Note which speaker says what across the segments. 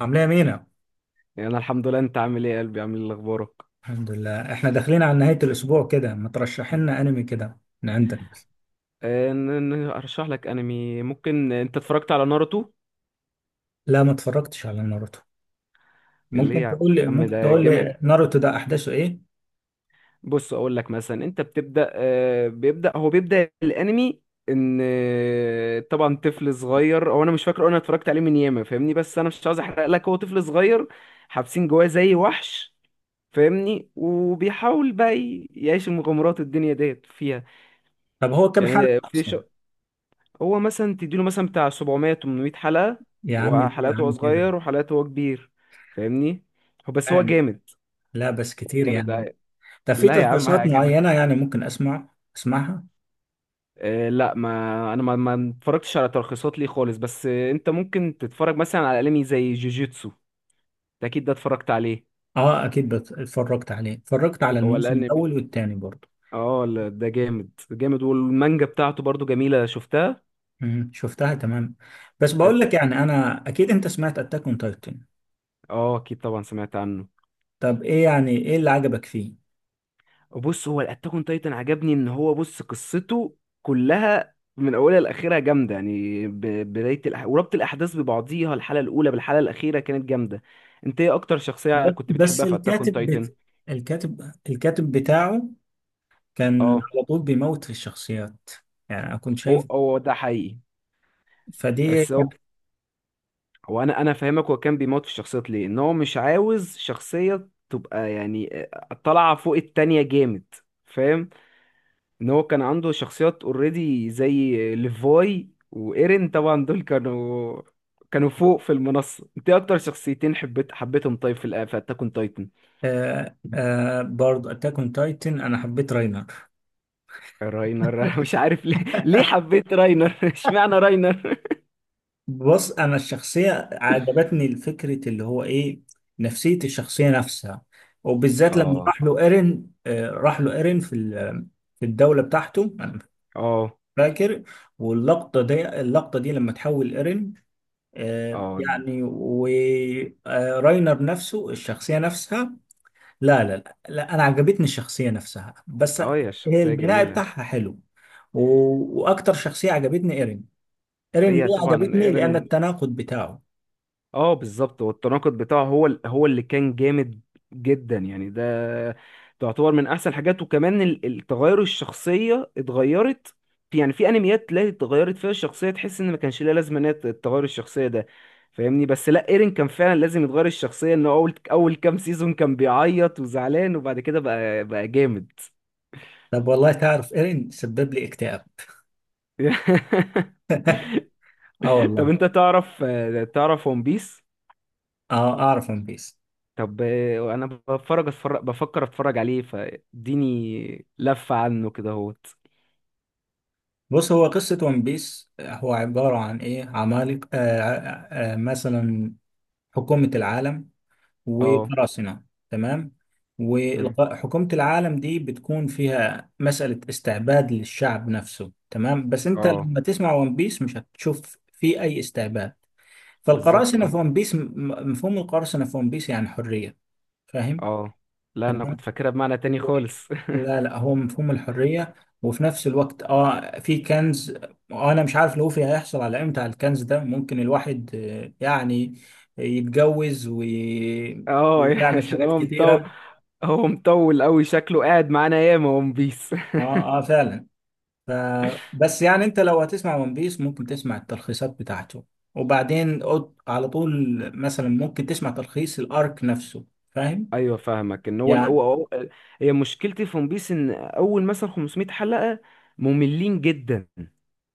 Speaker 1: عاملة يا مينا.
Speaker 2: يعني انا الحمد لله. انت عامل ايه يا قلبي؟ عامل ايه؟ اخبارك؟
Speaker 1: الحمد لله، احنا داخلين على نهاية الأسبوع كده. ما ترشح لنا أنمي كده من عندك؟
Speaker 2: ارشح لك انمي. ممكن انت اتفرجت على ناروتو؟
Speaker 1: لا، ما اتفرجتش على ناروتو.
Speaker 2: اللي هي
Speaker 1: ممكن
Speaker 2: يا
Speaker 1: تقول لي
Speaker 2: عم
Speaker 1: ممكن
Speaker 2: ده
Speaker 1: تقول
Speaker 2: جامد.
Speaker 1: لي ناروتو ده أحداثه إيه؟
Speaker 2: بص اقول لك مثلا، انت بتبدا، بيبدا الانمي، ان آه، طبعا طفل صغير. هو انا مش فاكر، انا اتفرجت عليه من ياما فاهمني، بس انا مش عاوز احرق لك. هو طفل صغير حابسين جواه زي وحش فاهمني، وبيحاول بقى يعيش المغامرات الدنيا ديت فيها.
Speaker 1: طب هو كام
Speaker 2: يعني
Speaker 1: حلقة
Speaker 2: في ش...
Speaker 1: أصلا؟
Speaker 2: هو مثلا تديله مثلا بتاع 700 800 حلقة.
Speaker 1: يا عم، ليه يا
Speaker 2: وحلقاته هو
Speaker 1: عم كده؟
Speaker 2: صغير، وحلقاته هو كبير، فاهمني. هو
Speaker 1: فاهم.
Speaker 2: جامد.
Speaker 1: لا بس
Speaker 2: هو
Speaker 1: كتير
Speaker 2: جامد،
Speaker 1: يعني.
Speaker 2: أيوة.
Speaker 1: طب في
Speaker 2: لا يا عم،
Speaker 1: تلخيصات
Speaker 2: هيعجبك.
Speaker 1: معينة يعني ممكن أسمع؟ أسمعها؟
Speaker 2: آه لا ما انا ما اتفرجتش على تلخيصات ليه خالص، بس انت ممكن تتفرج مثلا على انمي زي جوجيتسو. ده اكيد ده اتفرجت عليه.
Speaker 1: أه أكيد اتفرجت عليه، اتفرجت على
Speaker 2: هو
Speaker 1: الموسم
Speaker 2: الانمي،
Speaker 1: الأول والتاني برضه.
Speaker 2: اه لا، ده جامد جامد، والمانجا بتاعته برضو جميلة شفتها.
Speaker 1: شفتها تمام. بس بقول
Speaker 2: أت-
Speaker 1: لك يعني، أنا أكيد أنت سمعت أتاك أون تايتن.
Speaker 2: اه اكيد طبعا سمعت عنه.
Speaker 1: طب إيه يعني، إيه اللي عجبك فيه؟
Speaker 2: بص، هو الاتاك اون تايتن عجبني ان هو، بص، قصته كلها من اولها لاخرها جامده، بدايه وربط الاحداث ببعضيها، الحلقه الاولى بالحلقه الاخيره كانت جامده. انت ايه اكتر شخصيه
Speaker 1: بس
Speaker 2: كنت
Speaker 1: بس
Speaker 2: بتحبها في اتاك اون
Speaker 1: الكاتب
Speaker 2: تايتن؟
Speaker 1: بت... الكاتب بتاعه كان
Speaker 2: اه.
Speaker 1: على طول بيموت في الشخصيات. يعني أنا كنت شايف
Speaker 2: هو ده حقيقي.
Speaker 1: فدي
Speaker 2: بس
Speaker 1: كانت.
Speaker 2: هو، انا فاهمك. هو كان بيموت في الشخصيات ليه؟ ان هو مش عاوز شخصيه تبقى يعني طالعه فوق التانية. جامد، فاهم؟ ان هو كان عنده شخصيات اوريدي زي ليفاي وايرين، طبعا دول كانوا فوق في المنصة. انت إيه اكتر شخصيتين حبيتهم؟ طيب في في اتاك اون تايتن.
Speaker 1: برضه أتاك أون تايتن أنا حبيت راينر.
Speaker 2: راينر أنا مش عارف ليه، ليه حبيت راينر اشمعنى راينر؟
Speaker 1: بص، أنا الشخصية عجبتني، الفكرة اللي هو إيه، نفسية الشخصية نفسها. وبالذات لما
Speaker 2: اه،
Speaker 1: راح له إيرين، راح له إيرين في الدولة بتاعته، أنا
Speaker 2: اه،
Speaker 1: فاكر. واللقطة دي، اللقطة دي لما تحول إيرين،
Speaker 2: اه.
Speaker 1: يعني وراينر نفسه، الشخصية نفسها. لا، أنا عجبتني الشخصية نفسها بس.
Speaker 2: اه يا،
Speaker 1: هي
Speaker 2: الشخصية
Speaker 1: البناء
Speaker 2: جميلة.
Speaker 1: بتاعها حلو. و- وأكتر شخصية عجبتني إيرين. إيرين ليه
Speaker 2: هي طبعا
Speaker 1: عجبتني؟ لأن
Speaker 2: ايرين.
Speaker 1: التناقض بتاعه.
Speaker 2: اه بالظبط، والتناقض بتاعه هو هو اللي كان جامد جدا يعني. ده تعتبر من احسن حاجات. وكمان التغير، الشخصيه اتغيرت في، يعني في انميات تلاقي اتغيرت فيها الشخصيه، تحس ان ما كانش ليها لازمه ان هي تتغير الشخصيه ده، فاهمني؟ بس لا، ايرين كان فعلا لازم يتغير الشخصيه، انه اول كام سيزون كان بيعيط وزعلان، وبعد كده بقى جامد.
Speaker 1: طب والله تعرف، إيرين سبب لي اكتئاب. آه
Speaker 2: طب
Speaker 1: والله.
Speaker 2: انت تعرف، تعرف ون بيس؟
Speaker 1: آه أعرف ون بيس.
Speaker 2: طب انا بفرج اتفرج بفكر اتفرج عليه، فاديني لفة عنه كده اهوت.
Speaker 1: بص، هو قصة ون بيس هو عبارة عن إيه، عمالقة، مثلا حكومة العالم
Speaker 2: اه.
Speaker 1: وقراصنة، تمام.
Speaker 2: مم.
Speaker 1: وحكومة العالم دي بتكون فيها مسألة استعباد للشعب نفسه، تمام. بس انت
Speaker 2: اه
Speaker 1: لما تسمع ون بيس مش هتشوف في اي استعباد.
Speaker 2: بالظبط.
Speaker 1: فالقراصنة في
Speaker 2: اه.
Speaker 1: ون بيس، مفهوم القراصنة في ون بيس يعني حرية. فاهم.
Speaker 2: اه لا، انا كنت
Speaker 1: تمام.
Speaker 2: فاكرها بمعنى تاني
Speaker 1: هو-
Speaker 2: خالص.
Speaker 1: لا لا، هو مفهوم الحرية. وفي نفس الوقت اه في كنز. انا مش عارف لوفي هيحصل على امتى على الكنز ده، ممكن الواحد يعني يتجوز
Speaker 2: اه
Speaker 1: ويعمل
Speaker 2: عشان
Speaker 1: حاجات
Speaker 2: هو مطول.
Speaker 1: كتيرة.
Speaker 2: هو مطول قوي، شكله قاعد معانا ياما ون بيس.
Speaker 1: اه اه فعلا. ف... بس يعني انت لو هتسمع ون بيس ممكن تسمع التلخيصات بتاعته، وبعدين على طول مثلا ممكن تسمع تلخيص الارك نفسه. فاهم
Speaker 2: ايوه فاهمك، ان
Speaker 1: يعني.
Speaker 2: هي مشكلتي في ون بيس، ان اول مثلا 500 حلقة مملين جدا،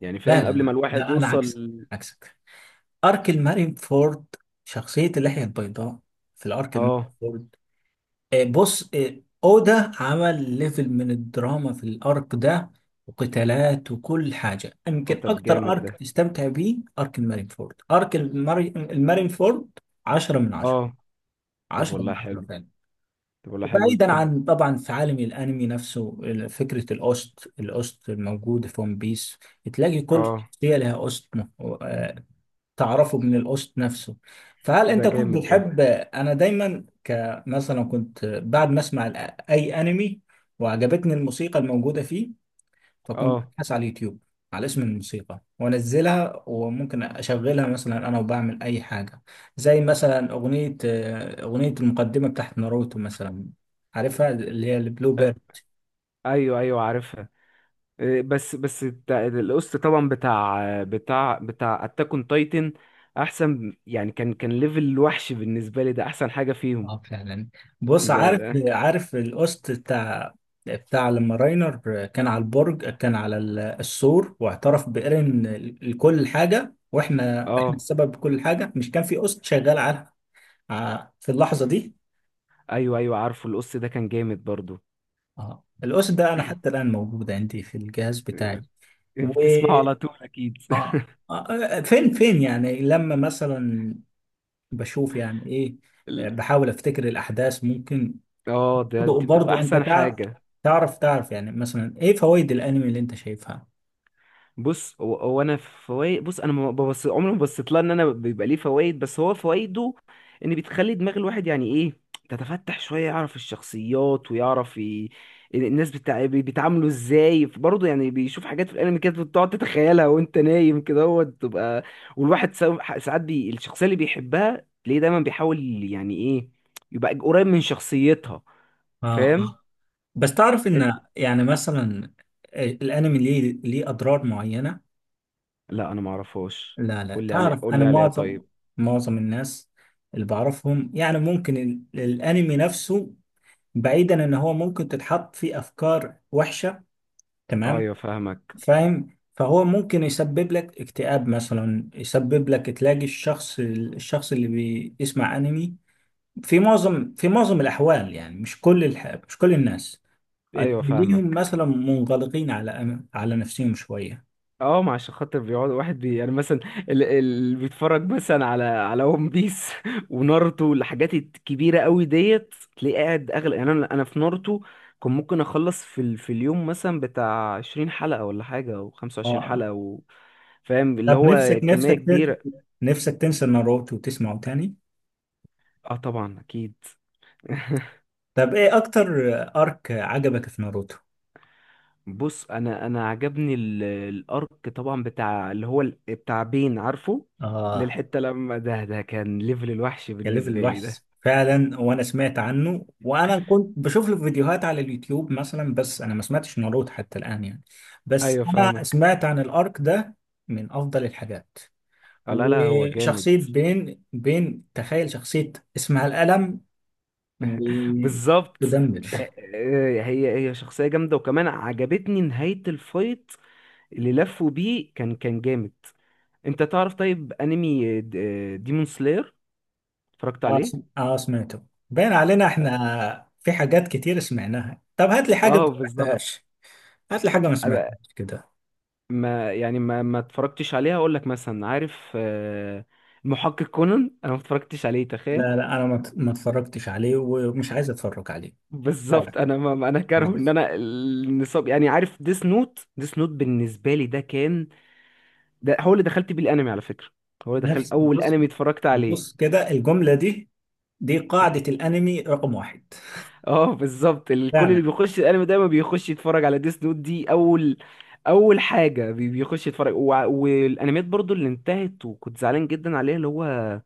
Speaker 2: يعني
Speaker 1: لا
Speaker 2: فاهم،
Speaker 1: لا
Speaker 2: قبل ما
Speaker 1: لا
Speaker 2: الواحد
Speaker 1: لا انا
Speaker 2: يوصل.
Speaker 1: عكسك، عكسك. ارك المارين فورد، شخصية اللحية البيضاء في الارك المارين
Speaker 2: اه،
Speaker 1: فورد. آه، بص آه، اودا عمل ليفل من الدراما في الارك ده، وقتالات وكل حاجه.
Speaker 2: اه.
Speaker 1: يمكن
Speaker 2: طب
Speaker 1: اكتر
Speaker 2: جامد
Speaker 1: ارك
Speaker 2: ده.
Speaker 1: تستمتع بيه ارك المارينفورد، المارينفورد. 10 من 10.
Speaker 2: اه. طب
Speaker 1: 10
Speaker 2: والله
Speaker 1: من 10
Speaker 2: حلو.
Speaker 1: فعلا.
Speaker 2: طب ولا حلو،
Speaker 1: وبعيدا
Speaker 2: طب.
Speaker 1: عن طبعا في عالم الانمي نفسه، فكره الاوست، الاوست الموجوده في ون بيس، تلاقي كل
Speaker 2: اه
Speaker 1: شخصيه لها اوست، تعرفه من القسط نفسه. فهل
Speaker 2: ده
Speaker 1: انت كنت
Speaker 2: جامد ده.
Speaker 1: بتحب، انا دايما كمثلا كنت بعد ما اسمع اي انمي وعجبتني الموسيقى الموجوده فيه، فكنت
Speaker 2: اه.
Speaker 1: ابحث على اليوتيوب على اسم الموسيقى وانزلها، وممكن اشغلها مثلا انا وبعمل اي حاجه. زي مثلا اغنيه، اغنيه المقدمه بتاعت ناروتو مثلا، عارفها، اللي هي البلو
Speaker 2: آه،
Speaker 1: بيرد.
Speaker 2: ايوه ايوه عارفها. القسط طبعا بتاع اتاك اون تايتن احسن يعني، كان ليفل وحش بالنسبه لي، ده احسن حاجه فيهم.
Speaker 1: اه فعلا. بص،
Speaker 2: ده
Speaker 1: عارف
Speaker 2: ده
Speaker 1: عارف القسط بتاع لما راينر كان على البرج، كان على السور، واعترف بإيرين لكل حاجة، واحنا، احنا
Speaker 2: اه
Speaker 1: السبب بكل حاجة. مش كان في قسط شغال على في اللحظة دي.
Speaker 2: ايوه ايوه عارفه القسط ده، كان جامد برضو.
Speaker 1: اه، القسط ده انا حتى الآن موجود عندي في الجهاز بتاعي. و
Speaker 2: بتسمعه على طول اكيد.
Speaker 1: اه، فين يعني لما مثلا بشوف يعني ايه،
Speaker 2: ال-
Speaker 1: بحاول افتكر الاحداث ممكن.
Speaker 2: اه ده،
Speaker 1: برضو،
Speaker 2: دي بتبقى
Speaker 1: برضو انت
Speaker 2: احسن
Speaker 1: تعرف،
Speaker 2: حاجه.
Speaker 1: تعرف يعني مثلا ايه فوائد الانمي اللي انت شايفها.
Speaker 2: بص هو، هو انا فوائد، بص انا ما ببص، عمري ما بصيت لها ان انا بيبقى ليه فوائد، بس هو فوائده ان بتخلي دماغ الواحد يعني ايه، تتفتح شويه، يعرف الشخصيات الناس بيتعاملوا ازاي برضه، يعني بيشوف حاجات في الانمي كده بتقعد تتخيلها وانت نايم كده، هو تبقى. والواحد ساعات الشخصيه اللي بيحبها تلاقيه دايما بيحاول يعني ايه، يبقى قريب من شخصيتها،
Speaker 1: اه
Speaker 2: فاهم؟
Speaker 1: اه. بس تعرف
Speaker 2: انت.
Speaker 1: ان يعني مثلا الانمي ليه، ليه اضرار معينة.
Speaker 2: لا انا ما اعرفهاش.
Speaker 1: لا لا
Speaker 2: قول لي عليه،
Speaker 1: تعرف،
Speaker 2: قول
Speaker 1: انا
Speaker 2: لي عليها
Speaker 1: معظم،
Speaker 2: طيب.
Speaker 1: معظم الناس اللي بعرفهم يعني ممكن الانمي نفسه، بعيدا ان هو ممكن تتحط فيه افكار وحشة، تمام،
Speaker 2: ايوه فاهمك
Speaker 1: فاهم، فهو ممكن يسبب لك اكتئاب مثلا، يسبب لك تلاقي الشخص، الشخص اللي بيسمع انمي في معظم الأحوال يعني، مش كل مش كل الناس
Speaker 2: ايوه
Speaker 1: تلاقيهم
Speaker 2: فاهمك
Speaker 1: مثلا منغلقين على على نفسهم شوية.
Speaker 2: اه، ما عشان خاطر بيقعد واحد بي يعني مثلا، اللي بيتفرج مثلا على على ون بيس وناruto، الحاجات الكبيره قوي ديت تلاقيه قاعد اغلى، يعني انا في ناruto كان ممكن اخلص في اليوم مثلا بتاع 20 حلقه ولا حاجه او 25
Speaker 1: اه.
Speaker 2: حلقه و... فاهم، اللي
Speaker 1: طب نفسك،
Speaker 2: هو كميه كبيره.
Speaker 1: نفسك تنسى ناروتو وتسمعه تاني.
Speaker 2: اه طبعا اكيد.
Speaker 1: طب ايه أكتر أرك عجبك في ناروتو؟
Speaker 2: بص انا عجبني الارك طبعا بتاع اللي هو بتاع بين، عارفه؟
Speaker 1: اه،
Speaker 2: للحته لما، ده كان ليفل الوحش
Speaker 1: يا ليفل
Speaker 2: بالنسبه لي.
Speaker 1: الوحش فعلا. وانا سمعت عنه وانا كنت بشوف له فيديوهات على اليوتيوب مثلا، بس انا ما سمعتش ناروتو حتى الان يعني، بس
Speaker 2: ايوه
Speaker 1: انا
Speaker 2: فاهمك.
Speaker 1: سمعت عن الارك ده من افضل الحاجات.
Speaker 2: لا لا، هو جامد.
Speaker 1: وشخصية بين، بين تخيل شخصية اسمها القلم
Speaker 2: بالظبط.
Speaker 1: وتدمر.
Speaker 2: هي شخصية جامدة، وكمان عجبتني نهاية الفايت اللي لفوا بيه، كان جامد. انت تعرف طيب انمي ديمون سلاير، اتفرجت عليه؟
Speaker 1: سمعته. باين علينا
Speaker 2: اه.
Speaker 1: احنا في حاجات كتير سمعناها. طب هات لي حاجة ما
Speaker 2: بالظبط.
Speaker 1: سمعتهاش، هات لي حاجة ما
Speaker 2: أبقى-
Speaker 1: سمعتهاش كده.
Speaker 2: ما يعني ما ما اتفرجتش عليه. هقول لك مثلا عارف المحقق كونان، انا ما اتفرجتش عليه، تخيل.
Speaker 1: لا لا، انا ما اتفرجتش عليه ومش عايز اتفرج عليه. لا لا
Speaker 2: بالظبط. انا ما ما- انا كاره ان
Speaker 1: عايز.
Speaker 2: انا النصاب يعني. عارف ديس نوت؟ ديس نوت بالنسبه لي ده كان، ده هو اللي دخلت بيه الانمي على فكره. هو اللي دخل،
Speaker 1: نفس
Speaker 2: اول
Speaker 1: بص
Speaker 2: انمي اتفرجت عليه.
Speaker 1: بص كده، الجملة دي دي قاعدة الانمي رقم واحد.
Speaker 2: اه بالظبط، الكل اللي
Speaker 1: فعلا.
Speaker 2: بيخش الانمي دايما بيخش يتفرج على ديس نوت، دي اول حاجه بيخش يتفرج. والانميات برضو اللي انتهت وكنت زعلان جدا عليها، اللي هو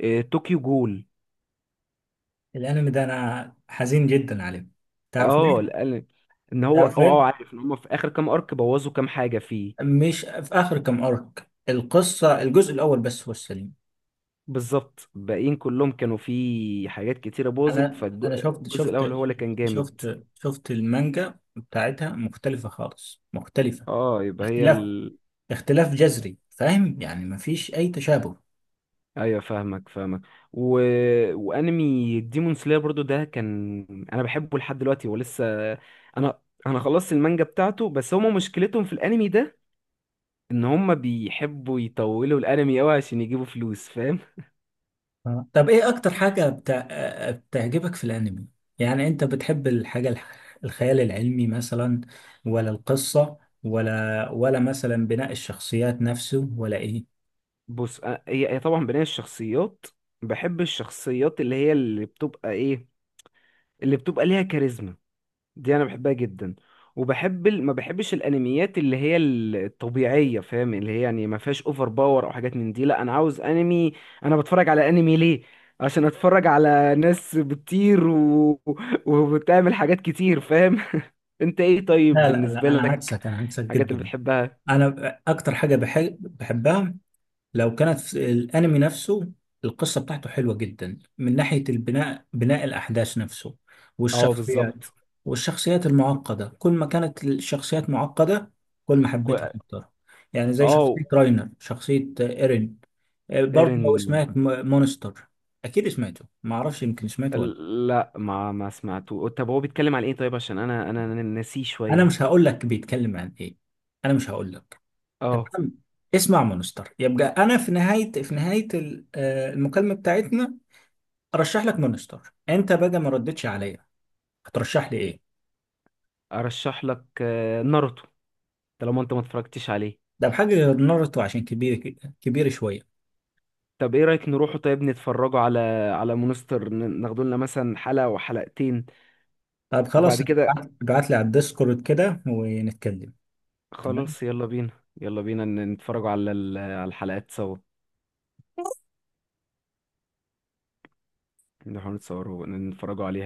Speaker 2: طوكيو جول.
Speaker 1: الانمي ده انا حزين جدا عليه. تعرف
Speaker 2: اه
Speaker 1: ليه؟
Speaker 2: الانمي، ان هو اه
Speaker 1: تعرف ليه؟
Speaker 2: عارف ان هم في اخر كام ارك بوظوا كام حاجه فيه.
Speaker 1: مش في اخر كام ارك، القصه الجزء الاول بس هو السليم.
Speaker 2: بالظبط، باقيين كلهم كانوا فيه حاجات كتيره باظت،
Speaker 1: انا انا شفت
Speaker 2: فالجزء
Speaker 1: شفت
Speaker 2: الاول هو اللي كان جامد.
Speaker 1: شفت شفت المانجا بتاعتها مختلفه خالص، مختلفه.
Speaker 2: اه يبقى هي
Speaker 1: اختلاف، اختلاف جذري، فاهم يعني، مفيش اي تشابه.
Speaker 2: ايوه فاهمك. و... وانمي ديمون سلاير برضو ده كان، انا بحبه لحد دلوقتي ولسه. انا، انا خلصت المانجا بتاعته، بس هما مشكلتهم في الانمي ده ان هما بيحبوا يطولوا الانمي قوي عشان يجيبوا فلوس، فاهم؟
Speaker 1: آه. طب ايه اكتر حاجه بتا... آه، بتعجبك في الانمي؟ يعني انت بتحب الحاجه الخيال العلمي مثلا، ولا القصه، ولا مثلا بناء الشخصيات نفسه، ولا ايه؟
Speaker 2: بص هي طبعا بناء الشخصيات. بحب الشخصيات اللي هي اللي بتبقى ايه، اللي بتبقى ليها كاريزما، دي انا بحبها جدا. وبحب ما بحبش الانميات اللي هي الطبيعيه، فاهم؟ اللي هي يعني ما فيهاش اوفر باور او حاجات من دي. لا انا عاوز انمي، انا بتفرج على انمي ليه؟ عشان اتفرج على ناس بتطير و... وبتعمل حاجات كتير، فاهم؟ انت ايه طيب
Speaker 1: لا
Speaker 2: بالنسبه
Speaker 1: انا
Speaker 2: لك
Speaker 1: عكسك، انا عكسك
Speaker 2: الحاجات اللي
Speaker 1: جدا.
Speaker 2: بتحبها؟
Speaker 1: انا اكتر حاجه بحب، بحبها لو كانت في الانمي نفسه القصه بتاعته حلوه جدا، من ناحيه البناء، بناء الاحداث نفسه،
Speaker 2: اه
Speaker 1: والشخصيات،
Speaker 2: بالظبط.
Speaker 1: والشخصيات المعقده. كل ما كانت الشخصيات معقده كل ما
Speaker 2: كو...
Speaker 1: حبيتها اكتر. يعني زي
Speaker 2: اه
Speaker 1: شخصيه راينر، شخصيه ايرين. برضه لو
Speaker 2: ايرن.
Speaker 1: سمعت مونستر. اكيد سمعته، ما اعرفش، يمكن سمعته ولا.
Speaker 2: لا ما سمعته. طب هو بيتكلم عن ايه طيب؟ عشان انا ناسيه
Speaker 1: انا
Speaker 2: شويه.
Speaker 1: مش هقول لك بيتكلم عن ايه، انا مش هقول لك،
Speaker 2: اه
Speaker 1: تمام. اسمع مونستر يبقى. انا في نهايه، المكالمه بتاعتنا ارشح لك مونستر. انت بقى ما ردتش عليا، هترشح لي ايه؟
Speaker 2: ارشح لك ناروتو طالما انت ما اتفرجتش عليه.
Speaker 1: ده بحاجه غير. ناruto عشان كبير كبير شويه.
Speaker 2: طب ايه رأيك نروحوا طيب نتفرجوا على، على مونستر، ناخدوا لنا مثلا حلقة وحلقتين،
Speaker 1: طب خلاص،
Speaker 2: وبعد كده.
Speaker 1: ابعت لي على الديسكورد كده ونتكلم. تمام.
Speaker 2: خلاص يلا بينا. يلا بينا نتفرجوا على على الحلقات سوا، نروحوا نتصوروا نتفرجوا عليها.